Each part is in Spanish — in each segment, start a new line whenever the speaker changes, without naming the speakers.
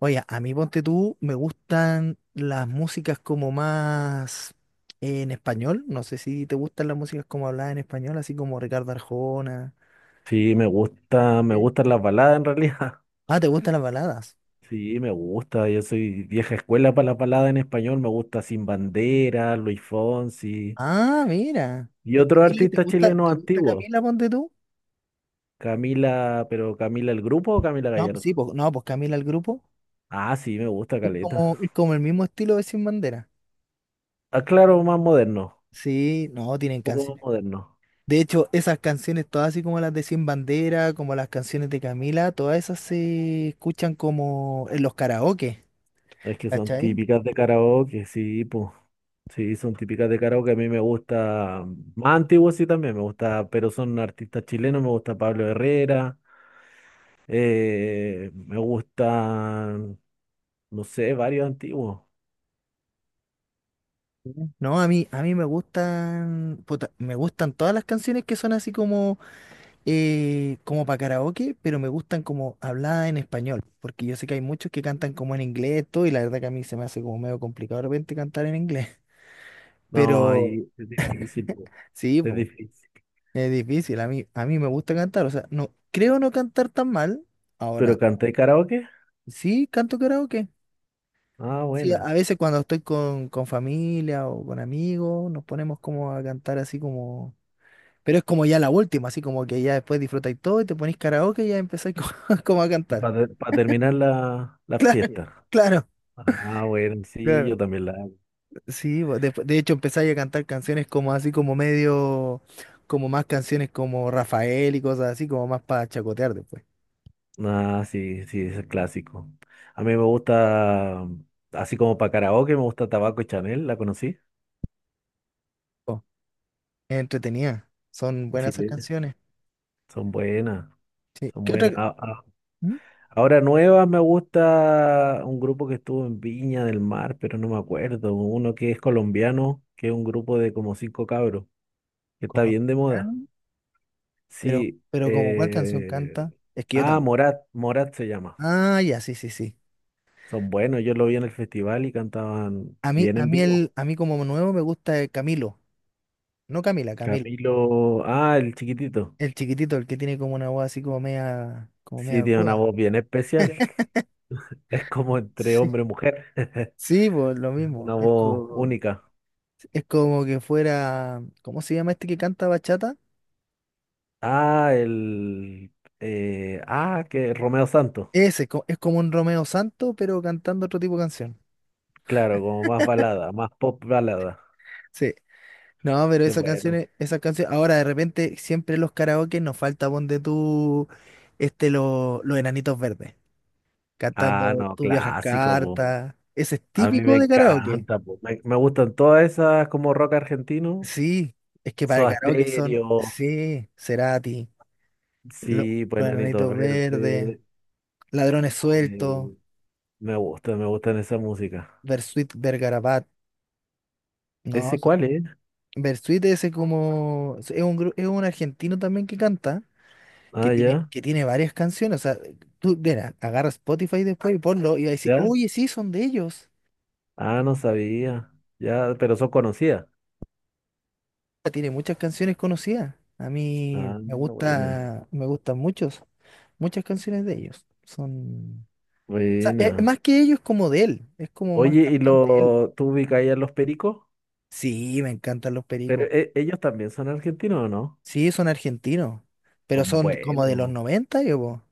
Oye, a mí ponte tú, me gustan las músicas como más en español. No sé si te gustan las músicas como habladas en español, así como Ricardo Arjona.
Sí, me gusta, me
¿Sí?
gustan las baladas en realidad.
Ah, ¿te gustan las baladas?
Sí, me gusta. Yo soy vieja escuela para las baladas en español. Me gusta Sin Bandera, Luis Fonsi
Ah, mira.
y otros
Camila, ¿te
artistas
gusta,
chilenos
te gusta
antiguos.
Camila, ponte tú?
Camila, pero Camila el grupo o Camila
No, pues sí,
Gallardo.
pues, no, pues Camila el grupo.
Ah, sí, me gusta
Es
Caleta.
como, es como el mismo estilo de Sin Bandera.
Ah, claro, más moderno,
Sí, no, tienen
un poco más
canciones.
moderno.
De hecho, esas canciones, todas así como las de Sin Bandera, como las canciones de Camila, todas esas se escuchan como en los karaoke.
Es que son
¿Cachai?
típicas de karaoke, sí, pues. Sí, son típicas de karaoke. A mí me gusta, más antiguos sí también me gusta, pero son artistas chilenos. Me gusta Pablo Herrera, me gustan, no sé, varios antiguos.
Sí. No, a mí me gustan, puta, me gustan todas las canciones que son así como, como para karaoke, pero me gustan como habladas en español, porque yo sé que hay muchos que cantan como en inglés todo, y la verdad que a mí se me hace como medio complicado de repente cantar en inglés,
No,
pero
ahí es difícil, po,
sí,
es
po,
difícil.
es difícil, a mí me gusta cantar, o sea, no, creo no cantar tan mal,
¿Pero
ahora,
canté karaoke?
sí, canto karaoke.
Ah,
Sí, a
buena.
veces cuando estoy con familia o con amigos, nos ponemos como a cantar así como. Pero es como ya la última, así como que ya después disfrutáis todo y te ponéis karaoke y ya empezáis como, como a cantar.
Para terminar la fiesta.
Claro,
Ah, bueno, sí,
claro,
yo también la.
sí, de hecho empezáis a cantar canciones como así como medio, como más canciones como Rafael y cosas así, como más para chacotear después.
Ah, sí, sí, ese es
Sí.
clásico. A mí me gusta, así como para karaoke, me gusta Tabaco y Chanel, ¿la conocí?
Oh, es entretenida, son
Sí,
buenas esas canciones.
son buenas,
Sí.
son
¿Qué otra?
buenas.
¿Mm?
Ahora nuevas me gusta un grupo que estuvo en Viña del Mar, pero no me acuerdo. Uno que es colombiano, que es un grupo de como cinco cabros, que está bien de moda.
Colombiano, pero,
Sí,
pero como cuál canción canta, es que yo también.
Morat, Morat se llama.
Ah, ya, sí, sí, sí.
Son buenos, yo lo vi en el festival y cantaban
A mí,
bien
a
en
mí
vivo.
el, a mí como nuevo me gusta el Camilo, no Camila, Camilo.
Camilo, ah, el chiquitito.
El chiquitito, el que tiene como una voz así como media
Sí, tiene
aguda.
una voz bien especial. Es como entre
Sí. Sí.
hombre y mujer.
Sí, pues lo
Una
mismo.
voz única.
Es como que fuera, ¿cómo se llama este que canta bachata?
Ah, el. Que Romeo Santos.
Ese, es como un Romeo Santo, pero cantando otro tipo de canción.
Claro, como más balada, más pop balada.
Sí. No, pero
Sí, bueno.
esas canciones, ahora de repente siempre en los karaoke nos falta ponte tú, este, los enanitos verdes,
Ah,
cantando
no,
Tú viajas
clásico, po.
carta. Ese es
A mí me
típico de Ah, karaoke.
encanta, po. Me gustan todas esas como rock argentino.
Sí, es que para el
Soda
karaoke son,
Stereo.
sí, Cerati,
Sí, pues
los
Enanitos
Enanitos Verdes,
Verdes.
Ladrones Sueltos,
eh, me gusta, me gustan esa música.
Bersuit Vergarabat, no,
¿Ese
son-
cuál es?
Bersuit ese como, es un, es un argentino también que canta, que
Ah,
tiene,
ya,
que tiene varias canciones, o sea, tú, mira, agarra Spotify después y ponlo y vas a decir,
ya.
oye, sí, son de ellos.
Ah, no sabía. Ya, pero eso conocía.
Tiene muchas canciones conocidas, a mí
Ah,
me
buena,
gusta, me gustan muchos, muchas canciones de ellos, son... sea,
buena.
más que ellos, es como de él. Es como más Ujú.
Oye, ¿y
Cantante él.
lo, tú ubicas ahí a los pericos?
Sí, me encantan los
Pero
pericos.
ellos también son argentinos, ¿o no?
Sí, son argentinos. Pero
Son
son como de los
buenos.
90 yo, po.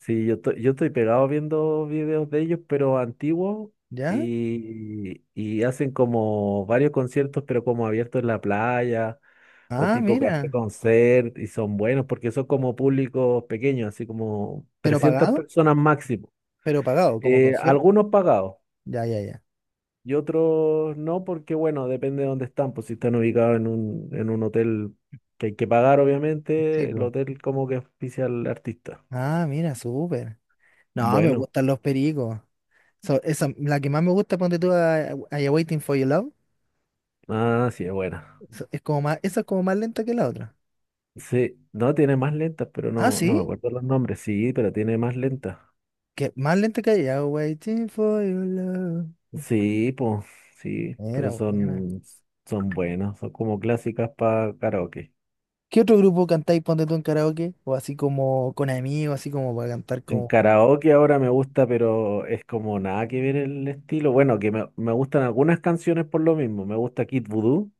Sí, yo, yo estoy pegado viendo videos de ellos, pero antiguos,
¿Ya?
y hacen como varios conciertos, pero como abiertos en la playa, o
Ah,
tipo café
mira.
concert, y son buenos porque son como públicos pequeños, así como
¿Pero
300
pagado?
personas máximo.
¿Pero pagado? ¿Como concierto?
Algunos pagados.
Ya, ya, ya.
Y otros no, porque bueno, depende de dónde están, pues si están ubicados en un hotel que hay que pagar,
Sí,
obviamente, el
pues.
hotel como que auspicia al artista.
Ah, mira, súper. No, me
Bueno,
gustan los pericos. Esa, la que más me gusta, ponte tú a Ya Waiting for Your Love.
ah, sí, es buena.
Es como más, esa es como más lenta que la otra.
Sí, no, tiene más lentas, pero
Ah,
no, no me
sí.
acuerdo los nombres, sí, pero tiene más lentas.
Que más lenta que Ya Waiting for Your Love.
Sí, pues, sí,
Mira,
pero
bueno.
son, son buenas, son como clásicas para karaoke.
¿Qué otro grupo cantáis, ponte tú en karaoke? O así como con amigos, así como para cantar
En
como...
karaoke ahora me gusta, pero es como nada que ver el estilo. Bueno, que me gustan algunas canciones por lo mismo. Me gusta Kid Voodoo.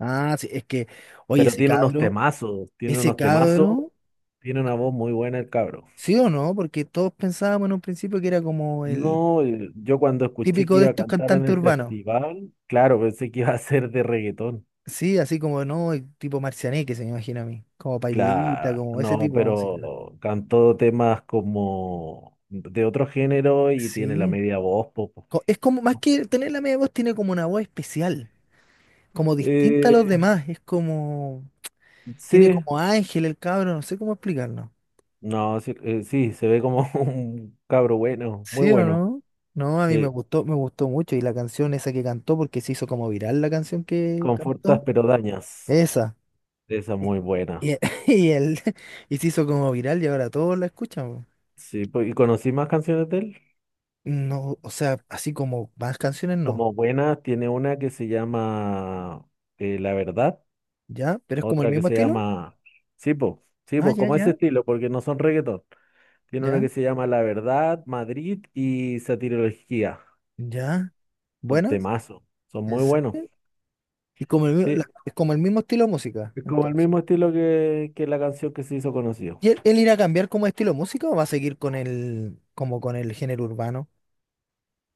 Ah, sí, es que, oye,
Pero tiene unos temazos, tiene
ese
unos temazos,
cabro,
tiene una voz muy buena el cabro.
¿sí o no? Porque todos pensábamos en un principio que era como el
No, yo cuando escuché que
típico de
iba a
estos
cantar en
cantantes
el
urbanos.
festival, claro, pensé que iba a ser de reggaetón.
Sí, así como, no, el tipo Marcianeque, se me imagina a mí. Como Pailita,
Claro,
como ese
no,
tipo de música.
pero cantó temas como de otro género y tiene la
Sí.
media voz, poco.
Es como, más que tener la media voz, tiene como una voz especial, como distinta a los
Eh,
demás. Es como, tiene
sí,
como ángel el cabro, no sé cómo explicarlo.
no, sí, sí, se ve como un cabro bueno, muy
¿Sí o
bueno.
no? No, a mí
Sí,
me gustó mucho. Y la canción esa que cantó, porque se hizo como viral la canción que cantó.
confortas pero dañas.
Esa.
Esa es
Y,
muy buena.
y- y él, y se hizo como viral y ahora todos la escuchan. Po.
Sí, pues, ¿y conocí más canciones de él?
No, o sea, así como más canciones no.
Como buenas, tiene una que se llama La Verdad,
¿Ya? ¿Pero es como el
otra que
mismo
se
estilo?
llama Sipo,
Ah,
Sipo, como ese estilo, porque no son reggaetón. Tiene una
ya,
que se llama La Verdad, Madrid y Satirología.
ya.
Son
¿Buenas?
temazos, son
¿En
muy buenos.
serio? Y como el,
Sí,
es como el mismo estilo de música,
es como el
entonces.
mismo estilo que la canción que se hizo conocido.
¿Y él irá a cambiar como estilo de música o va a seguir con el, como con el género urbano?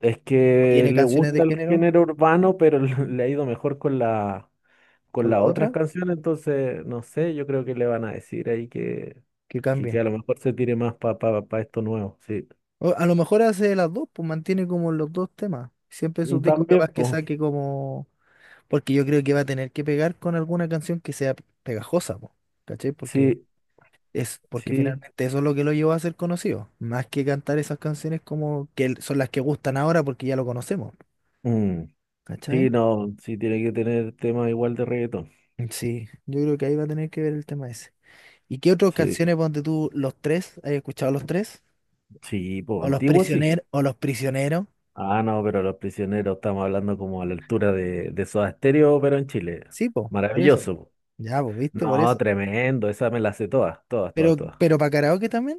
Es
¿O
que
tiene
le
canciones de
gusta el
género
género urbano, pero le ha ido mejor con la, con
con
las
la
otras
otra?
canciones, entonces, no sé, yo creo que le van a decir ahí
Que
que
cambie.
a lo mejor se tire más para pa esto nuevo, sí.
O a lo mejor hace las dos, pues mantiene como los dos temas. Siempre sus
Mm,
discos
también,
capaz que
pues,
saque como... Porque yo creo que va a tener que pegar con alguna canción que sea pegajosa, po, ¿cachai? Porque
sí,
es, porque
sí,
finalmente eso es lo que lo llevó a ser conocido. Más que cantar esas canciones como que son las que gustan ahora porque ya lo conocemos,
mm, sí,
¿cachai?
no, sí tiene que tener temas igual de reggaetón,
Sí, yo creo que ahí va a tener que ver el tema ese. ¿Y qué otras
sí,
canciones ponte tú los tres? ¿Has escuchado los tres?
sí, pues, antiguo sí.
¿O los prisioneros?
Ah, no, pero Los Prisioneros estamos hablando como a la altura de Soda Stereo, pero en Chile.
Sí, po, por eso.
Maravilloso, po.
Ya, pues, viste, por
No,
eso.
tremendo, esa me la sé todas, todas, todas, todas.
Pero para karaoke también,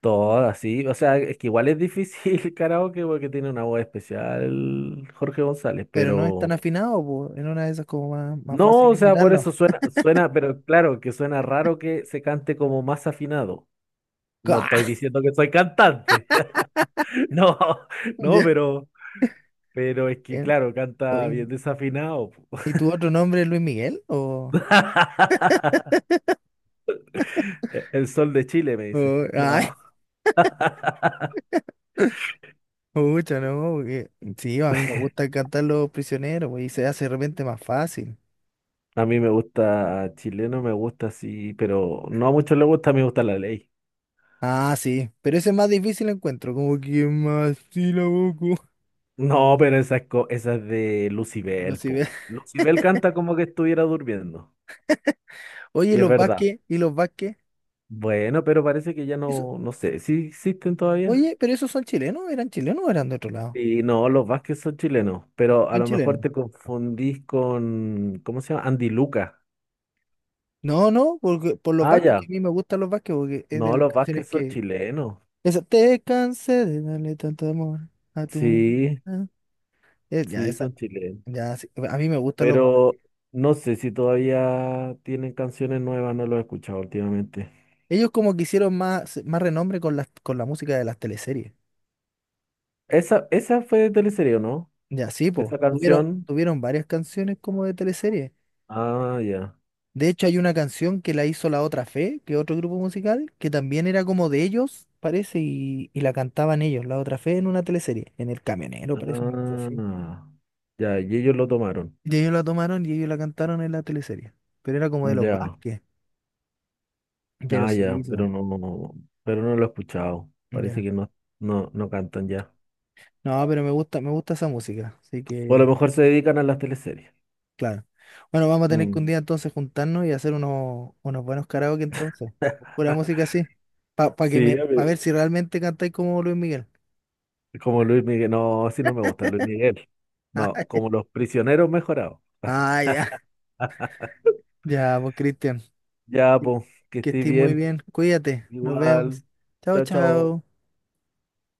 Todas, sí. O sea, es que igual es difícil el karaoke porque tiene una voz especial Jorge González,
pero no es tan
pero...
afinado, pues. En una de esas como más, más
No,
fácil
o sea, por
invitarlo.
eso suena, suena, pero claro, que suena raro que se cante como más afinado. No estoy diciendo que soy cantante. No, no,
Ya.
pero es que
Eh,
claro, canta
oye,
bien desafinado, po.
¿y tu otro nombre es Luis Miguel? O,
El sol de Chile, me dice. No.
ay, pucha, no, porque- sí, a mí me gusta cantar Los Prisioneros, pues, y se hace de repente más fácil.
A mí me gusta chileno, me gusta así, pero no a muchos les gusta, a mí me gusta la ley.
Ah, sí, pero ese es más difícil encuentro, como que más sílabo,
No, pero esa es, esa es de
no
Lucibel,
si ve.
po. Lucibel canta como que estuviera durmiendo.
Oye, ¿y
Y es
los
verdad.
Vázquez, y los Vázquez,
Bueno, pero parece que ya
eso,
no, no sé, ¿sí existen todavía?
oye, pero esos son chilenos, ¿eran chilenos o eran de otro lado?
Y no, los Vázquez son chilenos, pero a
Son
lo mejor
chilenos.
te confundís con, ¿cómo se llama? Andy Luca.
No, no, porque, por los
Ah,
Vázquez, que
ya.
a mí me gustan los Vázquez, porque es de
No,
las
los
canciones
Vázquez son
que...
chilenos.
Esa, te cansé de darle tanto amor a tu...
Sí,
ah", ya,
sí,
esa,
son chilenos.
ya, sí, a mí me gustan los Vázquez.
Pero no sé si todavía tienen canciones nuevas, no lo he escuchado últimamente.
Ellos como que hicieron más, más renombre con las, con la música de las teleseries.
Esa fue de teleserie, ¿o no?
Ya, sí, pues,
Esa
tuvieron,
canción.
tuvieron varias canciones como de teleseries.
Ah, ya.
De hecho, hay una canción que la hizo La Otra Fe, que es otro grupo musical, que también era como de ellos, parece, y la cantaban ellos, La Otra Fe, en una teleserie, en El Camionero, parece, una cosa así.
Ah, ya, y ellos lo tomaron.
Y ellos la tomaron y ellos la cantaron en la teleserie. Pero era como de los
Ya.
Vázquez. Pero
Ah,
sí,
ya,
son-
pero no, pero no lo he escuchado. Parece
ya.
que no, no, no cantan ya.
No, pero me gusta esa música. Así
O a lo
que,
mejor se dedican a las teleseries.
claro. Bueno, vamos a tener que
Mm.
un día entonces juntarnos y hacer unos, unos buenos karaoke entonces. Con pura música así. Para que
Sí,
me,
a
pa
ver,
ver si realmente cantáis como Luis Miguel.
como Luis Miguel. No, sí no me gusta Luis Miguel. No, como los prisioneros mejorados.
Ah, ya. Ya, pues Cristian.
Ya, pues, que
Que
estés
estés muy
bien.
bien. Cuídate. Nos
Igual.
vemos. Chao,
Chao, chao.
chao.